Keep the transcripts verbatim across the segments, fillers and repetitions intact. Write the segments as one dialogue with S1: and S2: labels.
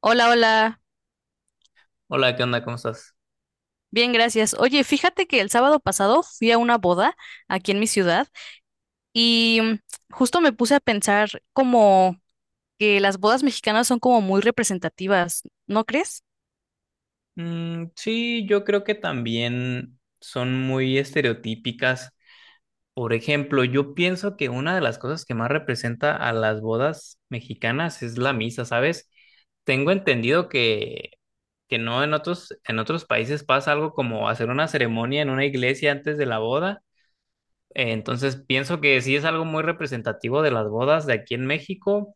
S1: Hola, hola.
S2: Hola, ¿qué onda? ¿Cómo estás?
S1: Bien, gracias. Oye, fíjate que el sábado pasado fui a una boda aquí en mi ciudad y mm, justo me puse a pensar como que las bodas mexicanas son como muy representativas, ¿no crees?
S2: Mm, sí, yo creo que también son muy estereotípicas. Por ejemplo, yo pienso que una de las cosas que más representa a las bodas mexicanas es la misa, ¿sabes? Tengo entendido que, que no en otros, en otros países pasa algo como hacer una ceremonia en una iglesia antes de la boda. Eh, Entonces pienso que sí es algo muy representativo de las bodas de aquí en México,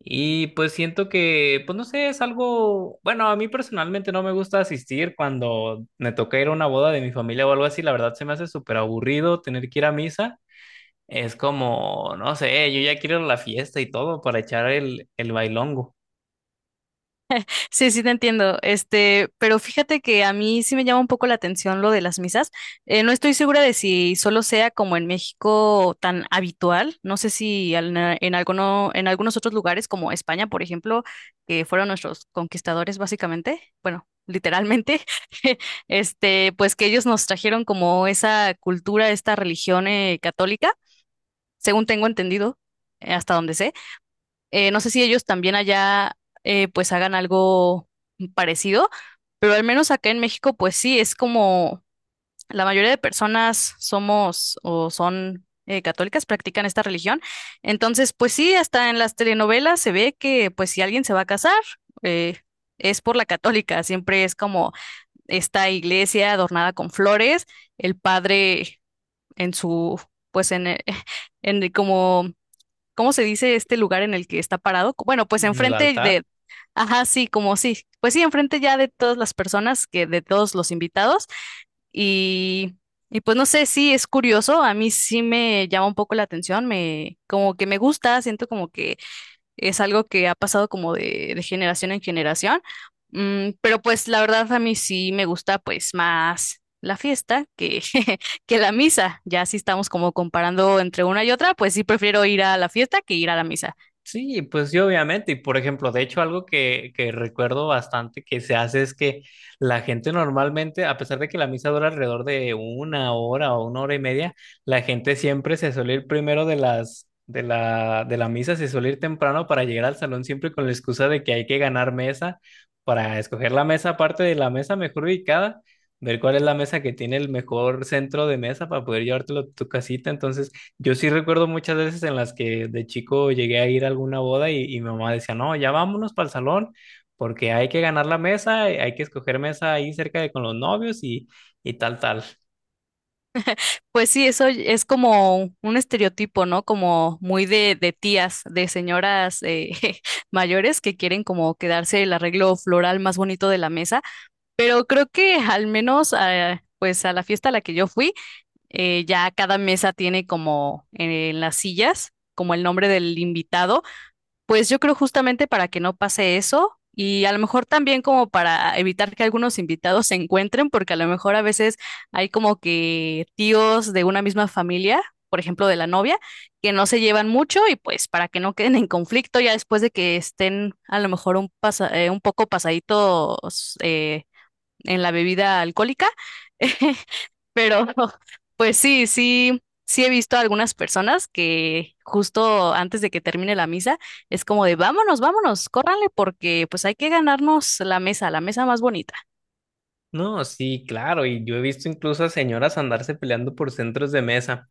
S2: y pues siento que, pues no sé, es algo, bueno, a mí personalmente no me gusta asistir cuando me toca ir a una boda de mi familia o algo así, la verdad se me hace súper aburrido tener que ir a misa, es como, no sé, yo ya quiero ir a la fiesta y todo para echar el, el bailongo
S1: Sí, sí te entiendo. Este, pero fíjate que a mí sí me llama un poco la atención lo de las misas. Eh, no estoy segura de si solo sea como en México tan habitual. No sé si al- en alguno, en algunos otros lugares como España, por ejemplo, que fueron nuestros conquistadores básicamente, bueno, literalmente, este, pues que ellos nos trajeron como esa cultura, esta religión eh, católica, según tengo entendido, eh, hasta donde sé. Eh, no sé si ellos también allá eh, pues hagan algo parecido, pero al menos acá en México pues sí, es como la mayoría de personas somos o son eh, católicas, practican esta religión. Entonces pues sí, hasta en las telenovelas se ve que pues si alguien se va a casar, eh, es por la católica, siempre es como esta iglesia adornada con flores, el padre en su pues en, eh, en como ¿cómo se dice este lugar en el que está parado? Co- Bueno, pues
S2: en el
S1: enfrente
S2: altar.
S1: de, ajá, sí, como sí, pues sí, enfrente ya de todas las personas, que de todos los invitados y, y pues no sé, sí, es curioso, a mí sí me llama un poco la atención, me, como que me gusta, siento como que es algo que ha pasado como de, de generación en generación. Mm, pero pues la verdad a mí sí me gusta pues más la fiesta que, que la misa. Ya si estamos como comparando entre una y otra, pues sí prefiero ir a la fiesta que ir a la misa.
S2: Sí, pues sí, obviamente. Y por ejemplo, de hecho, algo que, que recuerdo bastante que se hace es que la gente normalmente, a pesar de que la misa dura alrededor de una hora o una hora y media, la gente siempre se suele ir primero de las, de la, de la misa, se suele ir temprano para llegar al salón siempre con la excusa de que hay que ganar mesa, para escoger la mesa aparte de la mesa mejor ubicada, ver cuál es la mesa que tiene el mejor centro de mesa para poder llevártelo a tu casita. Entonces, yo sí recuerdo muchas veces en las que de chico llegué a ir a alguna boda y, y mi mamá decía, no, ya vámonos para el salón porque hay que ganar la mesa, eh, hay que escoger mesa ahí cerca de con los novios y, y tal, tal.
S1: Pues sí, eso es como un estereotipo, ¿no? Como muy de, de tías, de señoras eh, mayores que quieren como quedarse el arreglo floral más bonito de la mesa. Pero creo que al menos eh, pues a la fiesta a la que yo fui, eh, ya cada mesa tiene como eh, en las sillas, como el nombre del invitado, pues yo creo justamente para que no pase eso y a lo mejor también como para evitar que algunos invitados se encuentren, porque a lo mejor a veces hay como que tíos de una misma familia, por ejemplo, de la novia, que no se llevan mucho y pues para que no queden en conflicto ya después de que estén a lo mejor un, pasa- eh, un poco pasaditos eh, en la bebida alcohólica. Pero pues sí, sí, sí he visto a algunas personas que justo antes de que termine la misa es como de vámonos, vámonos, córranle porque pues hay que ganarnos la mesa, la mesa más bonita.
S2: No, sí, claro, y yo he visto incluso a señoras andarse peleando por centros de mesa,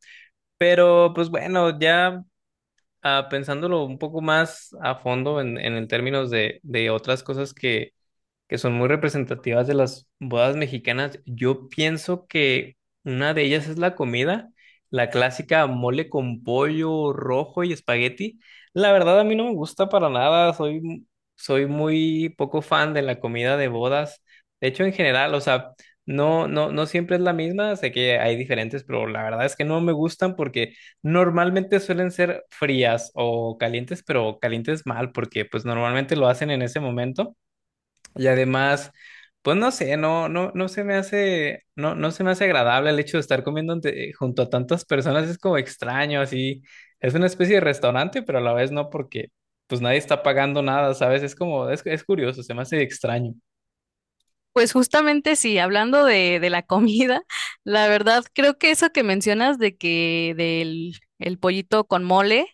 S2: pero pues bueno, ya ah, pensándolo un poco más a fondo en, en el términos de, de otras cosas que que son muy representativas de las bodas mexicanas. Yo pienso que una de ellas es la comida, la clásica mole con pollo rojo y espagueti. La verdad a mí no me gusta para nada, soy, soy muy poco fan de la comida de bodas. De hecho, en general, o sea, no, no, no siempre es la misma, sé que hay diferentes, pero la verdad es que no me gustan porque normalmente suelen ser frías o calientes, pero calientes mal, porque pues normalmente lo hacen en ese momento. Y además, pues no sé, no, no, no se me hace, no, no se me hace agradable el hecho de estar comiendo ante- junto a tantas personas, es como extraño, así, es una especie de restaurante, pero a la vez no, porque pues nadie está pagando nada, ¿sabes? Es como, es, es curioso, se me hace extraño.
S1: Pues justamente sí, hablando de, de la comida, la verdad creo que eso que mencionas de que del el pollito con mole.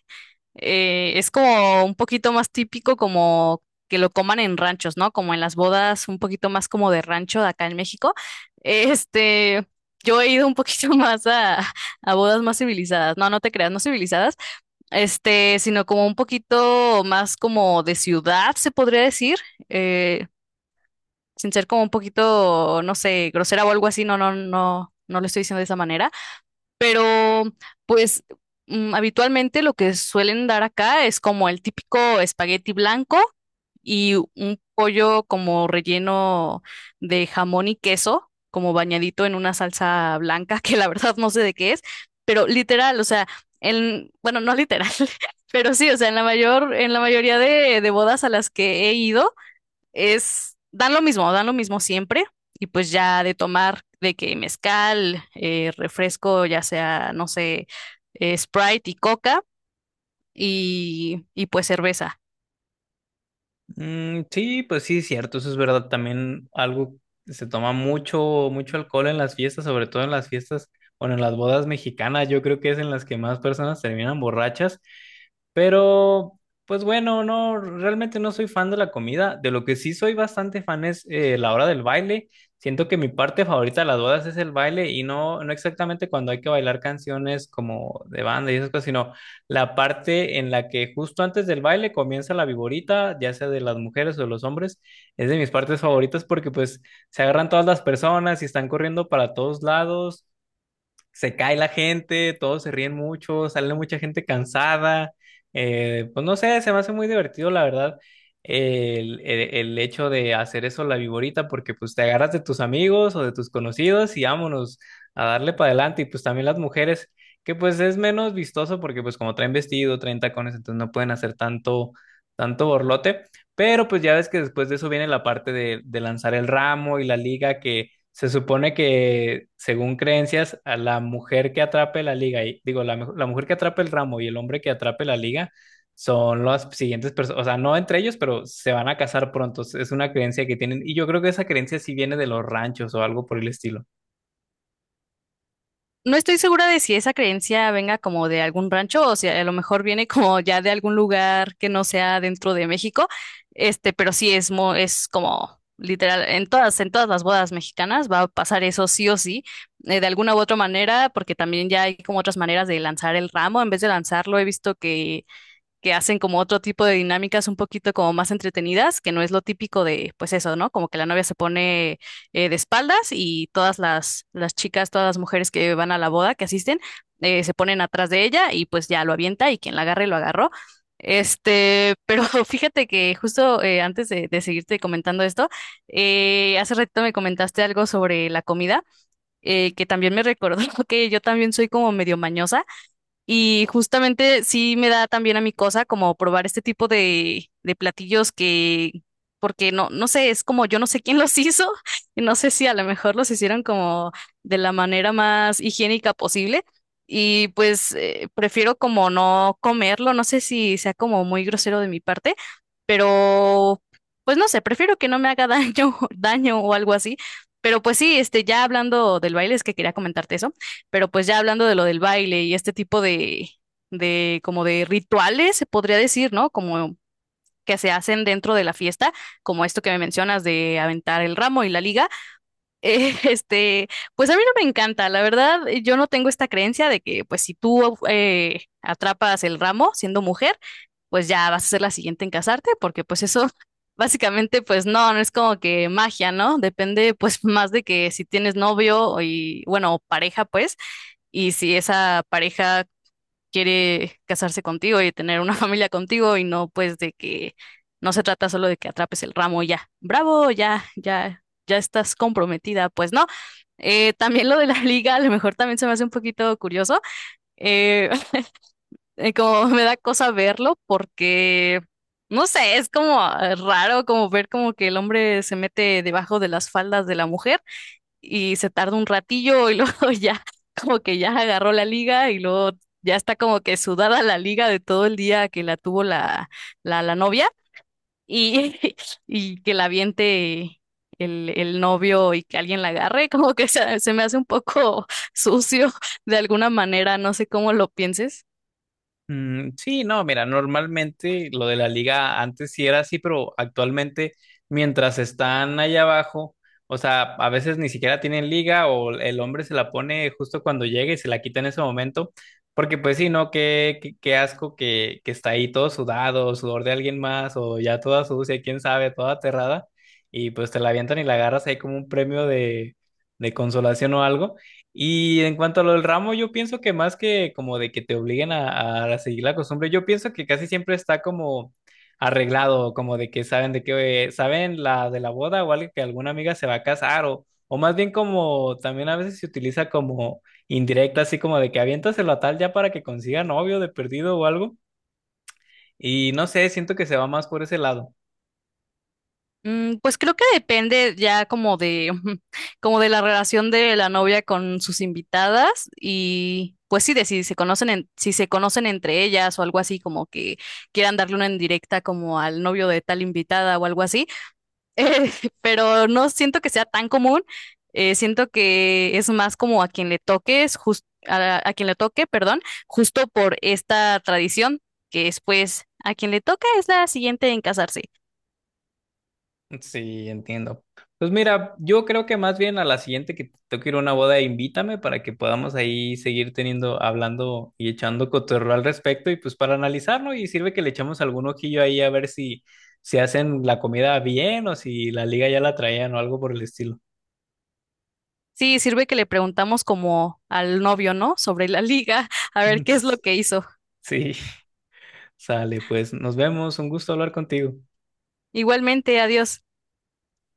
S1: Eh, es como un poquito más típico como que lo coman en ranchos, ¿no? Como en las bodas, un poquito más como de rancho de acá en México. Este, yo he ido un poquito más a, a bodas más civilizadas, no, no te creas, no civilizadas, este, sino como un poquito más como de ciudad, se podría decir, eh, sin ser como un poquito, no sé, grosera o algo así, no, no, no, no lo estoy diciendo de esa manera. Pero, pues, mm, habitualmente lo que suelen dar acá es como el típico espagueti blanco y un pollo como relleno de jamón y queso, como bañadito en una salsa blanca, que la verdad no sé de qué es, pero literal, o sea, en, bueno, no literal, pero sí, o sea, en la mayor, en la mayoría de, de bodas a las que he ido, es, dan lo mismo, dan lo mismo siempre. Y pues ya de tomar de que mezcal, eh, refresco, ya sea, no sé, eh, Sprite y coca y, y pues cerveza.
S2: Mm, sí, pues sí, es cierto, eso es verdad, también algo, se toma mucho, mucho alcohol en las fiestas, sobre todo en las fiestas, bueno, en las bodas mexicanas, yo creo que es en las que más personas terminan borrachas. Pero, pues bueno, no, realmente no soy fan de la comida. De lo que sí soy bastante fan es eh, la hora del baile. Siento que mi parte favorita de las bodas es el baile y no, no exactamente cuando hay que bailar canciones como de banda y esas cosas, sino la parte en la que justo antes del baile comienza la viborita, ya sea de las mujeres o de los hombres, es de mis partes favoritas porque pues se agarran todas las personas y están corriendo para todos lados, se cae la gente, todos se ríen mucho, sale mucha gente cansada. Eh, pues no sé, se me hace muy divertido, la verdad, el, el- el hecho de hacer eso la viborita, porque pues te agarras de tus amigos o de tus conocidos y vámonos a darle para adelante. Y pues también las mujeres, que pues es menos vistoso porque pues como traen vestido, traen tacones, entonces no pueden hacer tanto, tanto borlote. Pero pues ya ves que después de eso viene la parte de, de lanzar el ramo y la liga que se supone que, según creencias, a la mujer que atrape la liga, y, digo, la, mu- la mujer que atrape el ramo y el hombre que atrape la liga son las siguientes personas, o sea, no entre ellos, pero se van a casar pronto. Es una creencia que tienen, y yo creo que esa creencia sí viene de los ranchos o algo por el estilo.
S1: No estoy segura de si esa creencia venga como de algún rancho o si a lo mejor viene como ya de algún lugar que no sea dentro de México, este, pero sí es, mo- es como literal, en todas, en todas las bodas mexicanas va a pasar eso sí o sí, eh, de alguna u otra manera, porque también ya hay como otras maneras de lanzar el ramo, en vez de lanzarlo he visto que que hacen como otro tipo de dinámicas un poquito como más entretenidas, que no es lo típico de, pues eso, ¿no? Como que la novia se pone eh, de espaldas y todas las, las chicas, todas las mujeres que van a la boda, que asisten, eh, se ponen atrás de ella y pues ya lo avienta y quien la agarre lo agarró. Este, pero fíjate que justo eh, antes de, de seguirte comentando esto, eh, hace ratito me comentaste algo sobre la comida, eh, que también me recordó que yo también soy como medio mañosa. Y justamente sí me da también a mi cosa como probar este tipo de, de platillos que, porque no, no sé, es como yo no sé quién los hizo, y no sé si a lo mejor los hicieron como de la manera más higiénica posible. Y pues eh, prefiero como no comerlo, no sé si sea como muy grosero de mi parte, pero pues no sé, prefiero que no me haga daño, daño o algo así. Pero pues sí, este, ya hablando del baile, es que quería comentarte eso. Pero pues ya hablando de lo del baile y este tipo de, de como de rituales, se podría decir, ¿no? Como que se hacen dentro de la fiesta, como esto que me mencionas de aventar el ramo y la liga. eh, Este, pues a mí no me encanta, la verdad, eh, yo no tengo esta creencia de que pues si tú eh, atrapas el ramo siendo mujer, pues ya vas a ser la siguiente en casarte, porque pues eso básicamente pues no, no es como que magia, ¿no? Depende pues más de que si tienes novio y bueno, o pareja pues, y si esa pareja quiere casarse contigo y tener una familia contigo y no pues de que no se trata solo de que atrapes el ramo y ya, bravo, ya, ya, ya estás comprometida, pues no. Eh, también lo de la liga, a lo mejor también se me hace un poquito curioso, eh, eh, como me da cosa verlo porque, no sé, es como eh, raro como ver como que el hombre se mete debajo de las faldas de la mujer y se tarda un ratillo y luego ya como que ya agarró la liga y luego ya está como que sudada la liga de todo el día que la tuvo la, la, la novia y, y que la aviente el, el novio y que alguien la agarre, como que se, se me hace un poco sucio de alguna manera, no sé cómo lo pienses.
S2: Mm, sí, no, mira, normalmente lo de la liga antes sí era así, pero actualmente mientras están allá abajo, o sea, a veces ni siquiera tienen liga o el hombre se la pone justo cuando llega y se la quita en ese momento, porque pues sí, ¿no? Qué, qué, qué asco que, que está ahí todo sudado, sudor de alguien más o ya toda sucia, quién sabe, toda aterrada y pues te la avientan y la agarras ahí como un premio de, de consolación o algo. Y en cuanto a lo del ramo, yo pienso que más que como de que te obliguen a, a seguir la costumbre, yo pienso que casi siempre está como arreglado, como de que saben de que eh, saben la de la boda o algo que alguna amiga se va a casar o, o más bien como también a veces se utiliza como indirecta, así como de que aviéntaselo a tal ya para que consiga novio de perdido o algo. Y no sé, siento que se va más por ese lado.
S1: Mm, pues creo que depende ya como de, como de la relación de la novia con sus invitadas y pues sí, de si se conocen, en- si se conocen entre ellas o algo así, como que quieran darle una indirecta como al novio de tal invitada o algo así. Eh, pero no siento que sea tan común, eh, siento que es más como a quien le toques, jus- a, a quien le toque, perdón, justo por esta tradición, que es pues a quien le toca es la siguiente en casarse.
S2: Sí, entiendo. Pues mira, yo creo que más bien a la siguiente que tengo que ir a una boda, invítame para que podamos ahí seguir teniendo, hablando y echando cotorreo al respecto y pues para analizarlo y sirve que le echamos algún ojillo ahí a ver si, si hacen la comida bien o si la liga ya la traían o algo por el estilo.
S1: Sí, sirve que le preguntamos como al novio, ¿no? Sobre la liga, a ver qué es lo que hizo.
S2: Sí, sale, pues nos vemos, un gusto hablar contigo.
S1: Igualmente, adiós.